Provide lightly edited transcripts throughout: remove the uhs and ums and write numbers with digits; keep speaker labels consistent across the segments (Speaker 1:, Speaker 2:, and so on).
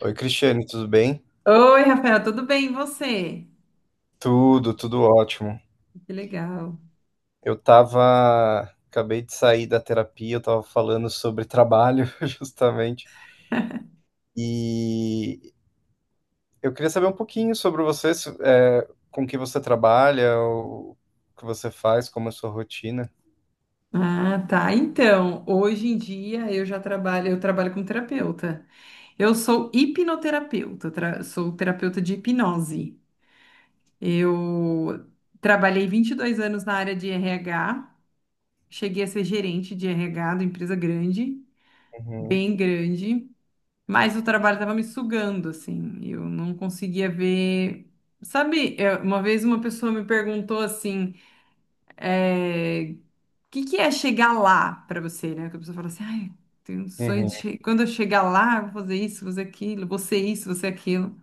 Speaker 1: Oi, Cristiane, tudo bem?
Speaker 2: Oi, Rafael, tudo bem? E você?
Speaker 1: Tudo, tudo ótimo.
Speaker 2: Que legal.
Speaker 1: Eu tava, Acabei de sair da terapia, eu tava falando sobre trabalho, justamente, e eu queria saber um pouquinho sobre você, com que você trabalha, o que você faz, como é a sua rotina.
Speaker 2: Ah, tá. Então, hoje em dia eu já trabalho, eu trabalho como terapeuta. Eu sou hipnoterapeuta, sou terapeuta de hipnose. Eu trabalhei 22 anos na área de RH, cheguei a ser gerente de RH de empresa grande,
Speaker 1: Uhum,
Speaker 2: bem grande, mas o trabalho estava me sugando, assim, eu não conseguia ver. Sabe, uma vez uma pessoa me perguntou assim, eh, que é chegar lá para você, né? Que a pessoa fala assim, ai, tenho um sonho
Speaker 1: uhum,
Speaker 2: de quando eu chegar lá, eu vou fazer isso, vou fazer aquilo, vou ser isso, vou ser aquilo.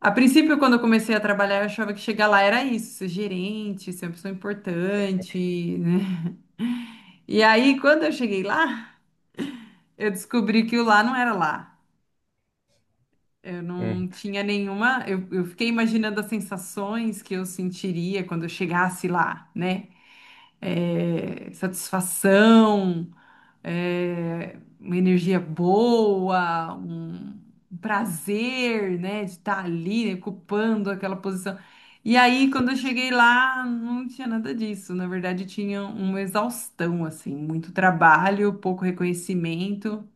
Speaker 2: A princípio, quando eu comecei a trabalhar, eu achava que chegar lá era isso, ser gerente, ser uma pessoa importante, né? E aí, quando eu cheguei lá, eu descobri que o lá não era lá. Eu
Speaker 1: uhum.
Speaker 2: não tinha nenhuma. Eu fiquei imaginando as sensações que eu sentiria quando eu chegasse lá, né? Satisfação, uma energia boa, um prazer, né, de estar ali, né, ocupando aquela posição. E aí, quando eu cheguei lá, não tinha nada disso. Na verdade, tinha uma exaustão, assim, muito trabalho, pouco reconhecimento,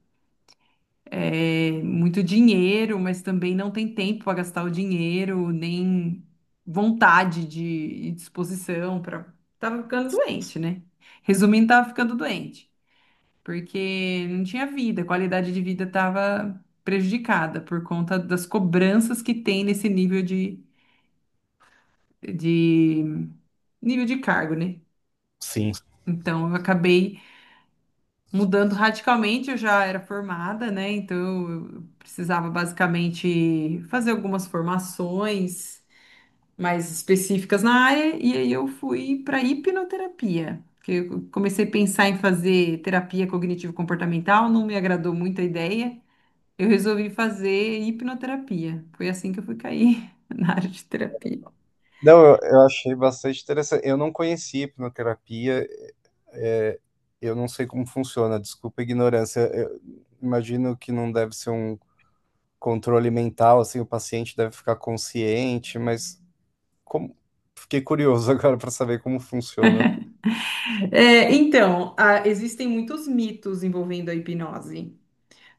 Speaker 2: muito dinheiro, mas também não tem tempo para gastar o dinheiro, nem vontade de e disposição para. Tava ficando doente, né? Resumindo, tava ficando doente porque não tinha vida, a qualidade de vida estava prejudicada por conta das cobranças que tem nesse nível de de cargo, né?
Speaker 1: Sim.
Speaker 2: Então eu acabei mudando radicalmente, eu já era formada, né? Então eu precisava basicamente fazer algumas formações mais específicas na área e aí eu fui para hipnoterapia. Que Eu comecei a pensar em fazer terapia cognitivo-comportamental, não me agradou muito a ideia. Eu resolvi fazer hipnoterapia. Foi assim que eu fui cair na área de terapia.
Speaker 1: Não, eu achei bastante interessante. Eu não conhecia hipnoterapia. Eu não sei como funciona, desculpa a ignorância. Eu imagino que não deve ser um controle mental, assim, o paciente deve ficar consciente, mas como... fiquei curioso agora para saber como funciona.
Speaker 2: É, então, existem muitos mitos envolvendo a hipnose.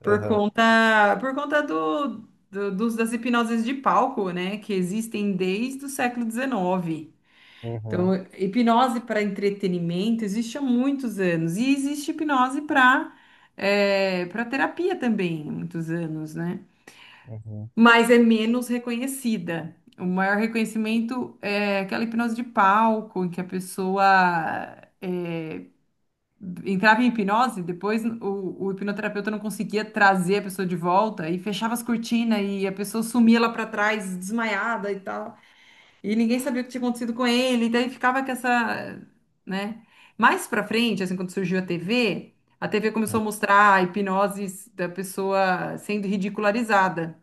Speaker 2: Por
Speaker 1: Aham.
Speaker 2: conta, por conta do, do- dos, das hipnoses de palco, né? Que existem desde o século XIX.
Speaker 1: Uhum,
Speaker 2: Então, hipnose para entretenimento existe há muitos anos. E existe hipnose para terapia também, há muitos anos, né?
Speaker 1: uhum.
Speaker 2: Mas é menos reconhecida. O maior reconhecimento é aquela hipnose de palco, em que a pessoa é, entrava em hipnose, depois o hipnoterapeuta não conseguia trazer a pessoa de volta e fechava as cortinas e a pessoa sumia lá para trás, desmaiada e tal. E ninguém sabia o que tinha acontecido com ele, e daí ficava com essa, né? Mais para frente, assim, quando surgiu a TV, a TV começou a mostrar hipnoses da pessoa sendo ridicularizada.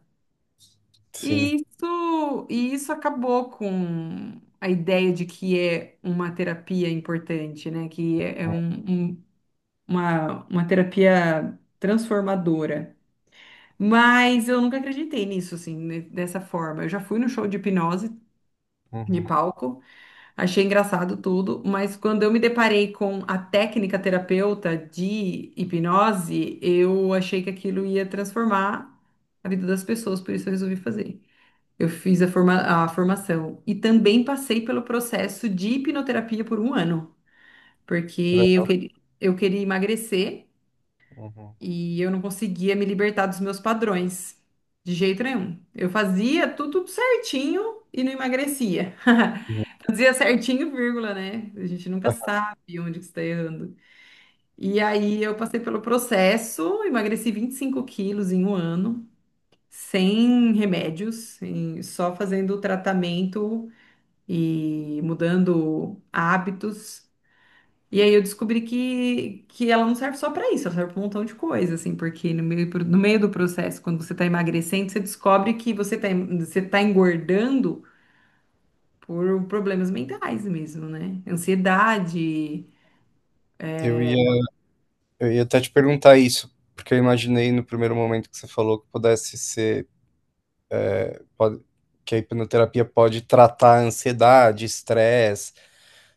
Speaker 1: Sim.
Speaker 2: E isso acabou com a ideia de que é uma terapia importante, né? Que é uma terapia transformadora. Mas eu nunca acreditei nisso, assim, dessa forma. Eu já fui no show de hipnose de
Speaker 1: Uhum.
Speaker 2: palco, achei engraçado tudo, mas quando eu me deparei com a técnica terapeuta de hipnose, eu achei que aquilo ia transformar a vida das pessoas, por isso eu resolvi fazer. Eu fiz a formação. E também passei pelo processo de hipnoterapia por um ano,
Speaker 1: Que
Speaker 2: porque eu queria emagrecer
Speaker 1: Uhum.
Speaker 2: e eu não conseguia me libertar dos meus padrões, de jeito nenhum. Eu fazia tudo certinho e não emagrecia.
Speaker 1: Uhum.
Speaker 2: Fazia certinho, vírgula, né? A gente nunca
Speaker 1: Ah,
Speaker 2: sabe onde que está errando. E aí eu passei pelo processo, emagreci 25 quilos em um ano, sem remédios, só fazendo o tratamento e mudando hábitos. E aí eu descobri que ela não serve só para isso, ela serve para um montão de coisa, assim, porque no meio do processo, quando você está emagrecendo, você descobre que você tá engordando por problemas mentais mesmo, né? Ansiedade,
Speaker 1: Eu ia, eu ia até te perguntar isso, porque eu imaginei no primeiro momento que você falou que pudesse ser Pode- que a hipnoterapia pode tratar ansiedade, estresse,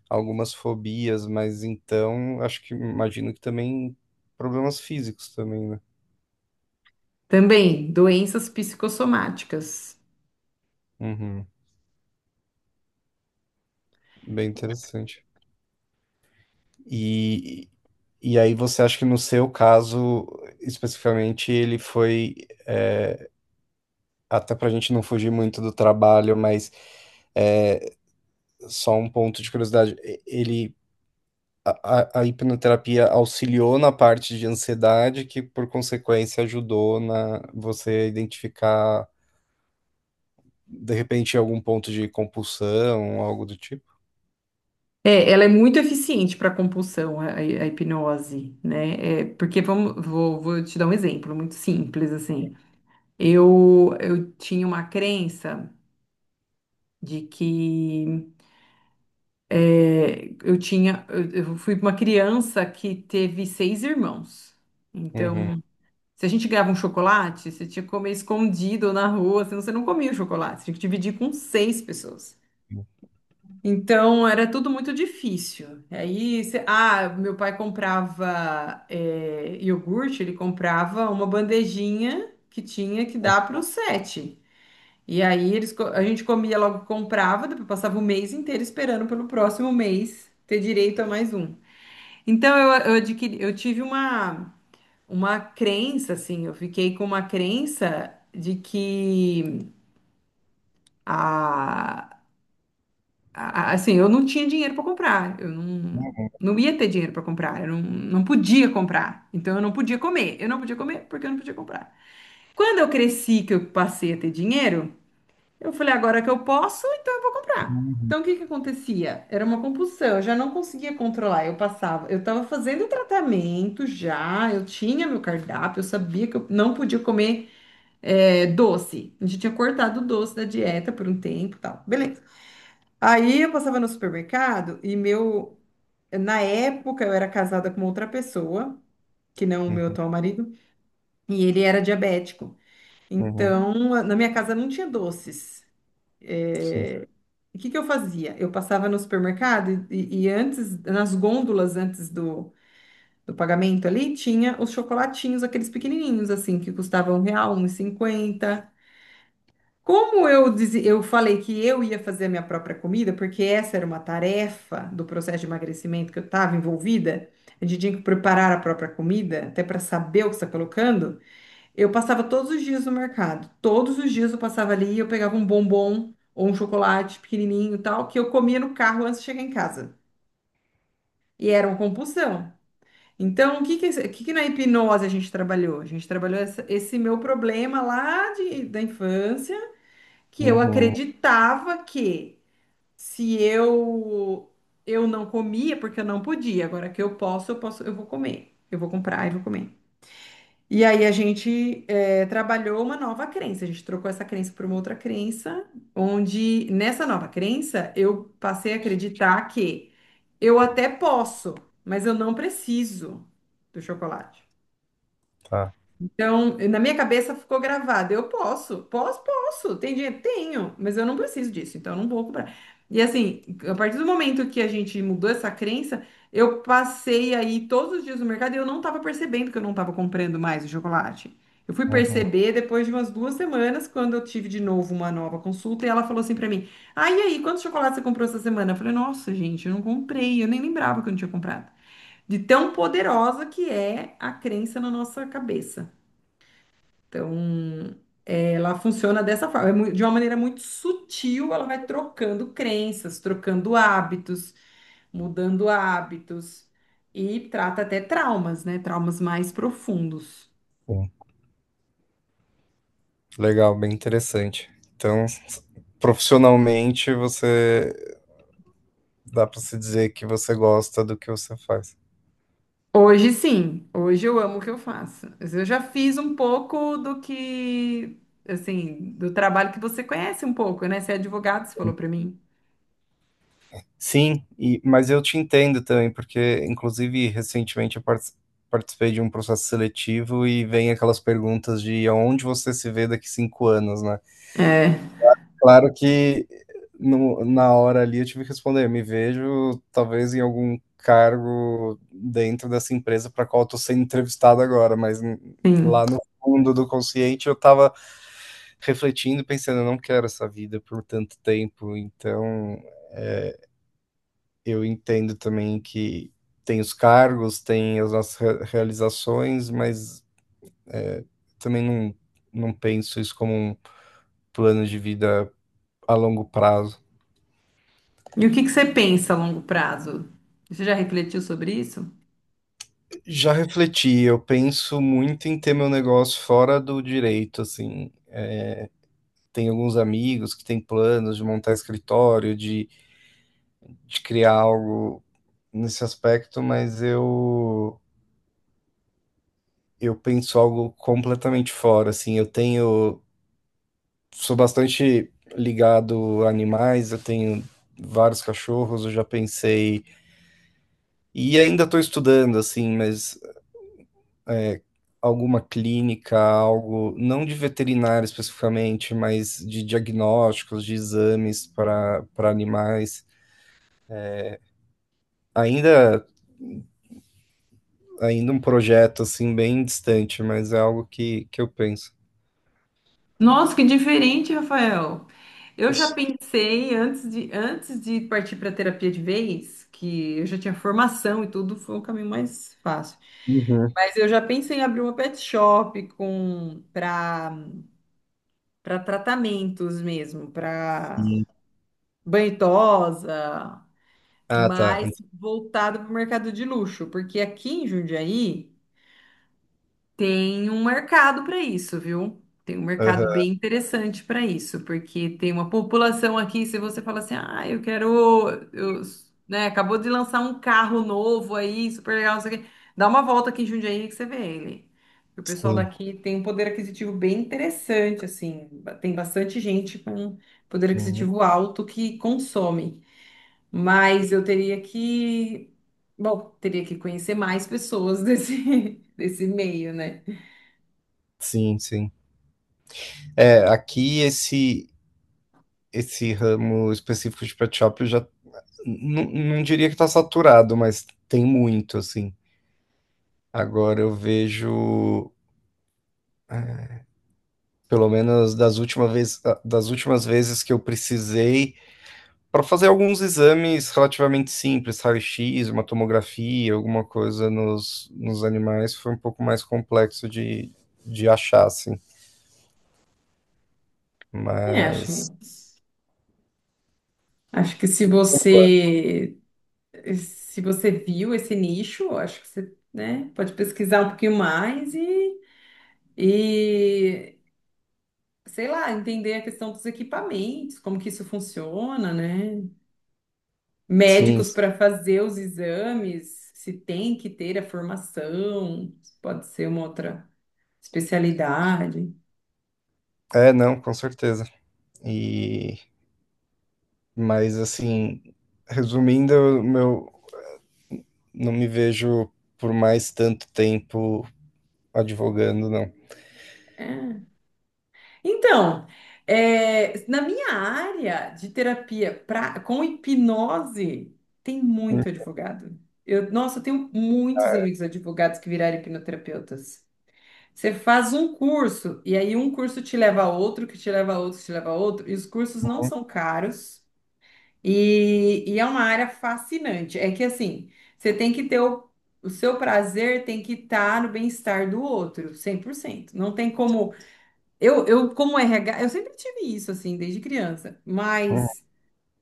Speaker 1: algumas fobias, mas então acho que imagino que também problemas físicos também, né?
Speaker 2: também doenças psicossomáticas.
Speaker 1: Uhum. Bem interessante. E, e aí você acha que no seu caso, especificamente, ele foi, é, até para a gente não fugir muito do trabalho, mas é, só um ponto de curiosidade, ele a hipnoterapia auxiliou na parte de ansiedade, que por consequência ajudou na você a identificar de repente algum ponto de compulsão, algo do tipo.
Speaker 2: É, ela é muito eficiente para compulsão, a hipnose, né? É, porque vou te dar um exemplo muito simples, assim. Eu tinha uma crença de que eu fui uma criança que teve seis irmãos.
Speaker 1: Uhum,
Speaker 2: Então, se a gente ganhava um chocolate, você tinha que comer escondido na rua, senão você não comia o chocolate, você tinha que dividir com seis pessoas. Então, era tudo muito difícil. Aí, ah, meu pai comprava iogurte, ele comprava uma bandejinha que tinha que dar para os sete. E aí a gente comia logo, comprava, depois passava o mês inteiro esperando pelo próximo mês ter direito a mais um. Então eu tive uma crença, assim, eu fiquei com uma crença de que a, assim, eu não tinha dinheiro para comprar, eu não ia ter dinheiro para comprar, eu não podia comprar, então eu não podia comer, eu não podia comer porque eu não podia comprar. Quando eu cresci, que eu passei a ter dinheiro, eu falei, agora que eu posso, então eu vou comprar.
Speaker 1: uhum.
Speaker 2: Então, o que que acontecia? Era uma compulsão, eu já não conseguia controlar. Eu passava, eu estava fazendo o tratamento já, eu tinha meu cardápio, eu sabia que eu não podia comer doce. A gente tinha cortado o doce da dieta por um tempo e tal. Beleza. Aí eu passava no supermercado e meu. Na época eu era casada com outra pessoa, que não o meu
Speaker 1: Uhum,
Speaker 2: atual marido, e ele era diabético.
Speaker 1: uhum,
Speaker 2: Então, na minha casa não tinha doces.
Speaker 1: sim.
Speaker 2: é, E o que que eu fazia? Eu passava no supermercado e antes, nas gôndolas antes do pagamento ali, tinha os chocolatinhos, aqueles pequenininhos assim, que custavam R$ 1, 1,50. Como eu falei que eu ia fazer a minha própria comida, porque essa era uma tarefa do processo de emagrecimento que eu estava envolvida, a gente tinha que preparar a própria comida, até para saber o que está colocando, eu passava todos os dias no mercado. Todos os dias eu passava ali e eu pegava um bombom ou um chocolate pequenininho e tal, que eu comia no carro antes de chegar em casa. E era uma compulsão. Então, o que que, o que que na hipnose a gente trabalhou? A gente trabalhou esse meu problema lá da infância, que eu
Speaker 1: Uhum,
Speaker 2: acreditava que se eu eu não comia, porque eu não podia. Agora que eu posso, eu posso, eu vou comer. Eu vou comprar e vou comer. E aí a gente trabalhou uma nova crença, a gente trocou essa crença por uma outra crença, onde nessa nova crença eu passei a acreditar que eu até posso, mas eu não preciso do chocolate.
Speaker 1: tá.
Speaker 2: Então, na minha cabeça ficou gravado. Eu posso, posso, posso. Tem dinheiro? Tenho, mas eu não preciso disso, então eu não vou comprar. E assim, a partir do momento que a gente mudou essa crença, eu passei aí todos os dias no mercado e eu não estava percebendo que eu não estava comprando mais o chocolate. Eu fui
Speaker 1: Uhum,
Speaker 2: perceber depois de umas 2 semanas, quando eu tive de novo uma nova consulta, e ela falou assim para mim: Ah, e aí, quantos chocolates você comprou essa semana? Eu falei: Nossa, gente, eu não comprei, eu nem lembrava que eu não tinha comprado. De tão poderosa que é a crença na nossa cabeça. Então, ela funciona dessa forma, é de uma maneira muito sutil, ela vai trocando crenças, trocando hábitos, mudando hábitos e trata até traumas, né? Traumas mais profundos.
Speaker 1: sim. Legal, bem interessante. Então, profissionalmente você dá para se dizer que você gosta do que você faz.
Speaker 2: Hoje sim, hoje eu amo o que eu faço. Mas eu já fiz um pouco do que, assim, do trabalho que você conhece um pouco, né? Você é advogado, você falou para mim.
Speaker 1: Sim, mas eu te entendo também, porque, inclusive, recentemente eu participei de um processo seletivo e vem aquelas perguntas de aonde você se vê daqui 5 anos, né?
Speaker 2: É,
Speaker 1: Claro que na hora ali eu tive que responder, me vejo talvez em algum cargo dentro dessa empresa para qual eu estou sendo entrevistado agora, mas
Speaker 2: sim.
Speaker 1: lá no fundo do consciente eu estava refletindo, pensando, eu não quero essa vida por tanto tempo, então eu entendo também que tem os cargos, tem as nossas realizações, mas também não penso isso como um plano de vida a longo prazo.
Speaker 2: E o que que você pensa a longo prazo? Você já refletiu sobre isso?
Speaker 1: Já refleti, eu penso muito em ter meu negócio fora do direito, assim. Tem alguns amigos que têm planos de montar escritório, de criar algo nesse aspecto, mas eu penso algo completamente fora, assim. Eu tenho Sou bastante ligado a animais, eu tenho vários cachorros, eu já pensei. E ainda estou estudando, assim, mas alguma clínica, algo, não de veterinário especificamente, mas de diagnósticos, de exames para animais. Ainda, ainda um projeto, assim, bem distante, mas é algo que eu penso.
Speaker 2: Nossa, que diferente, Rafael. Eu já pensei antes de partir para terapia de vez, que eu já tinha formação e tudo, foi um caminho mais fácil.
Speaker 1: Uhum,
Speaker 2: Mas eu já pensei em abrir uma pet shop com para para tratamentos mesmo, para
Speaker 1: sim.
Speaker 2: banhosa,
Speaker 1: Ah, tá.
Speaker 2: mas voltado para o mercado de luxo, porque aqui em Jundiaí tem um mercado para isso, viu? Tem um mercado
Speaker 1: Aham,
Speaker 2: bem interessante para isso, porque tem uma população aqui, se você fala assim, ah, eu quero, eu, né, acabou de lançar um carro novo aí, super legal, não sei o quê. Dá uma volta aqui em Jundiaí que você vê ele. O pessoal
Speaker 1: sim.
Speaker 2: daqui tem um poder aquisitivo bem interessante, assim, tem bastante gente com poder
Speaker 1: Uhum.
Speaker 2: aquisitivo alto que consome, mas eu teria que, bom, teria que conhecer mais pessoas desse, desse meio, né?
Speaker 1: Sim, sim. É, aqui esse ramo específico de pet shop, eu já não diria que tá saturado, mas tem muito, assim. Agora eu vejo, pelo menos das últimas vezes que eu precisei, para fazer alguns exames relativamente simples, raio-x, uma tomografia, alguma coisa nos animais, foi um pouco mais complexo de achar, assim.
Speaker 2: É,
Speaker 1: Mas,
Speaker 2: acho que se você viu esse nicho, acho que você, né, pode pesquisar um pouquinho mais e sei lá, entender a questão dos equipamentos, como que isso funciona, né?
Speaker 1: sim,
Speaker 2: Médicos para fazer os exames, se tem que ter a formação, pode ser uma outra especialidade.
Speaker 1: não, com certeza. E, mas, assim, resumindo, meu, não me vejo por mais tanto tempo advogando, não.
Speaker 2: É. Então, na minha área de terapia com hipnose, tem
Speaker 1: Uhum,
Speaker 2: muito advogado. Nossa, eu tenho muitos amigos advogados que viraram hipnoterapeutas. Você faz um curso, e aí um curso te leva a outro, que te leva a outro, que te leva a outro, e os cursos não são caros, e é uma área fascinante. É que assim, você tem que ter o seu prazer, tem que estar no bem-estar do outro, 100%. Não tem como. Como RH, eu sempre tive isso, assim, desde criança. Mas,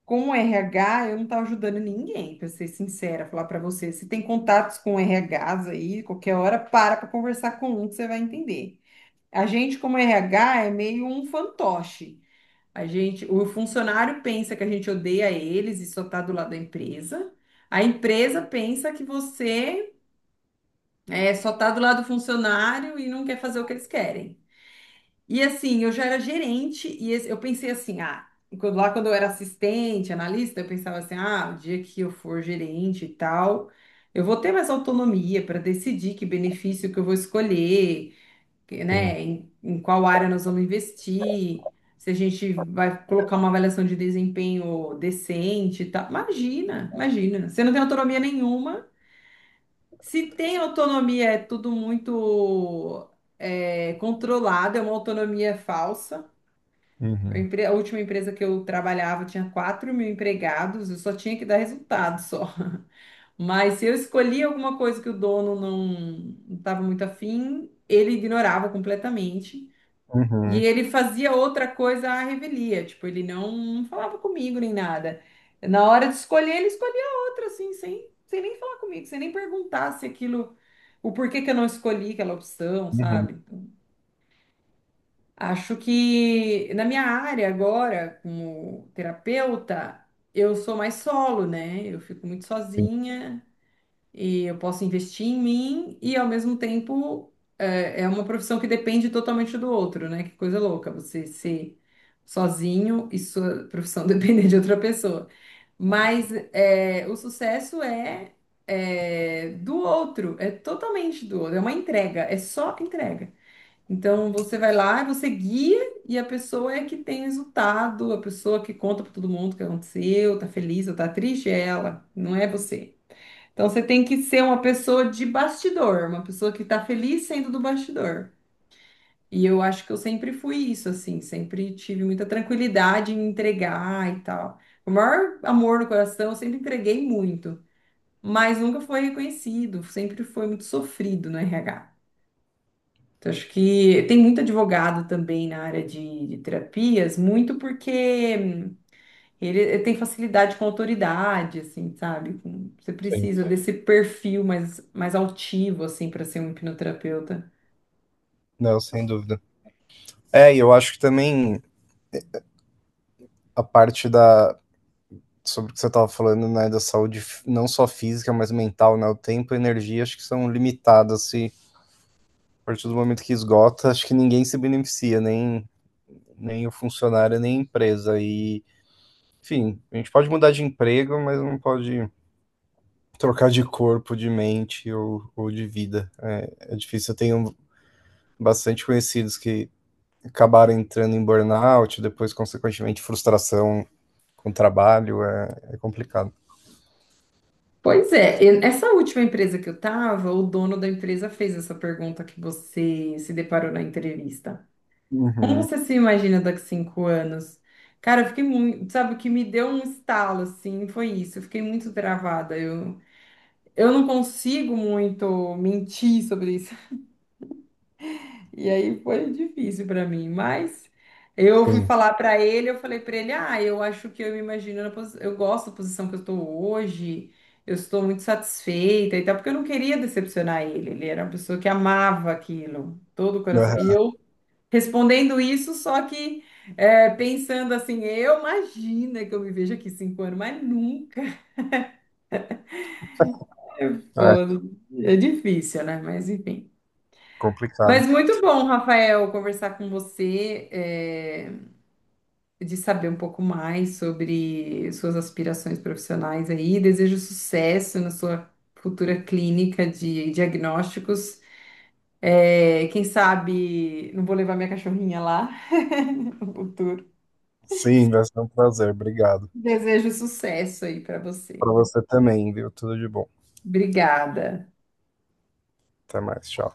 Speaker 2: como RH, eu não tava ajudando ninguém, pra ser sincera, falar pra você. Se tem contatos com RHs aí, qualquer hora, para pra conversar com um que você vai entender. A gente, como RH, é meio um fantoche. A gente, o funcionário pensa que a gente odeia eles e só tá do lado da empresa. A empresa pensa que você só tá do lado do funcionário e não quer fazer o que eles querem. E assim, eu já era gerente e eu pensei assim, ah, lá quando eu era assistente, analista, eu pensava assim, ah, o dia que eu for gerente e tal, eu vou ter mais autonomia para decidir que benefício que eu vou escolher, que,
Speaker 1: uhum,
Speaker 2: né, em qual área nós vamos investir, se a gente vai colocar uma avaliação de desempenho decente e tal. Imagina, imagina, você não tem autonomia nenhuma. Se tem autonomia, é tudo muito controlado, é uma autonomia falsa.
Speaker 1: uhum,
Speaker 2: A última empresa que eu trabalhava tinha 4000 empregados, eu só tinha que dar resultado só. Mas se eu escolhia alguma coisa que o dono não estava muito afim, ele ignorava completamente. E
Speaker 1: uhum,
Speaker 2: ele fazia outra coisa à revelia, tipo, ele não falava comigo nem nada. Na hora de escolher, ele escolhia outra, assim, sem nem falar comigo, sem nem perguntar se aquilo, o porquê que eu não escolhi aquela opção,
Speaker 1: uhum,
Speaker 2: sabe? Então, acho que na minha área agora, como terapeuta, eu sou mais solo, né? Eu fico muito
Speaker 1: sim,
Speaker 2: sozinha e eu posso investir em mim e ao mesmo tempo é uma profissão que depende totalmente do outro, né? Que coisa louca você ser sozinho e sua profissão depender de outra pessoa. Mas é do outro, é totalmente do outro, é uma entrega, é só entrega. Então você vai lá, você guia e a pessoa é que tem resultado, a pessoa que conta para todo mundo o que aconteceu, tá feliz ou tá triste, é ela, não é você. Então você tem que ser uma pessoa de bastidor, uma pessoa que tá feliz sendo do bastidor. E eu acho que eu sempre fui isso, assim, sempre tive muita tranquilidade em entregar e tal. O maior amor no coração, eu sempre entreguei muito, mas nunca foi reconhecido, sempre foi muito sofrido no RH. Então, acho que tem muito advogado também na área de terapias, muito porque ele tem facilidade com autoridade, assim, sabe? Com- Você
Speaker 1: sim.
Speaker 2: precisa Sim. desse perfil mais altivo, assim, para ser um hipnoterapeuta.
Speaker 1: Não, sem dúvida. É, e eu acho que também a parte da sobre o que você estava falando, né, da saúde não só física, mas mental, né, o tempo e a energia acho que são limitadas e a partir do momento que esgota, acho que ninguém se beneficia, nem o funcionário, nem a empresa e, enfim, a gente pode mudar de emprego, mas não pode trocar de corpo, de mente ou de vida. É, é difícil. Eu tenho bastante conhecidos que acabaram entrando em burnout, depois, consequentemente, frustração com o trabalho. É, é complicado.
Speaker 2: Pois é, essa última empresa que eu tava, o dono da empresa fez essa pergunta que você se deparou na entrevista. Como
Speaker 1: Uhum,
Speaker 2: você se imagina daqui a 5 anos? Cara, eu fiquei muito, sabe, o que me deu um estalo, assim, foi isso. Eu fiquei muito travada. Eu não consigo muito mentir sobre isso. E aí foi difícil para mim, mas eu fui
Speaker 1: sim.
Speaker 2: falar para ele, eu falei para ele: "Ah, eu acho que eu me imagino na eu gosto da posição que eu estou hoje. Eu estou muito satisfeita e tal", porque eu não queria decepcionar ele. Ele era uma pessoa que amava aquilo, todo o coração. E
Speaker 1: É,
Speaker 2: eu respondendo isso, só que pensando assim, eu imagino que eu me vejo aqui 5 anos, mas nunca.
Speaker 1: é
Speaker 2: Pô, é difícil, né? Mas enfim. Mas
Speaker 1: complicado.
Speaker 2: muito bom, Rafael, conversar com você, é, de saber um pouco mais sobre suas aspirações profissionais aí. Desejo sucesso na sua futura clínica de diagnósticos. É, quem sabe não vou levar minha cachorrinha lá no futuro.
Speaker 1: Sim, vai ser um prazer. Obrigado.
Speaker 2: Desejo sucesso aí para você.
Speaker 1: Para você também, viu? Tudo de bom.
Speaker 2: Obrigada.
Speaker 1: Até mais. Tchau.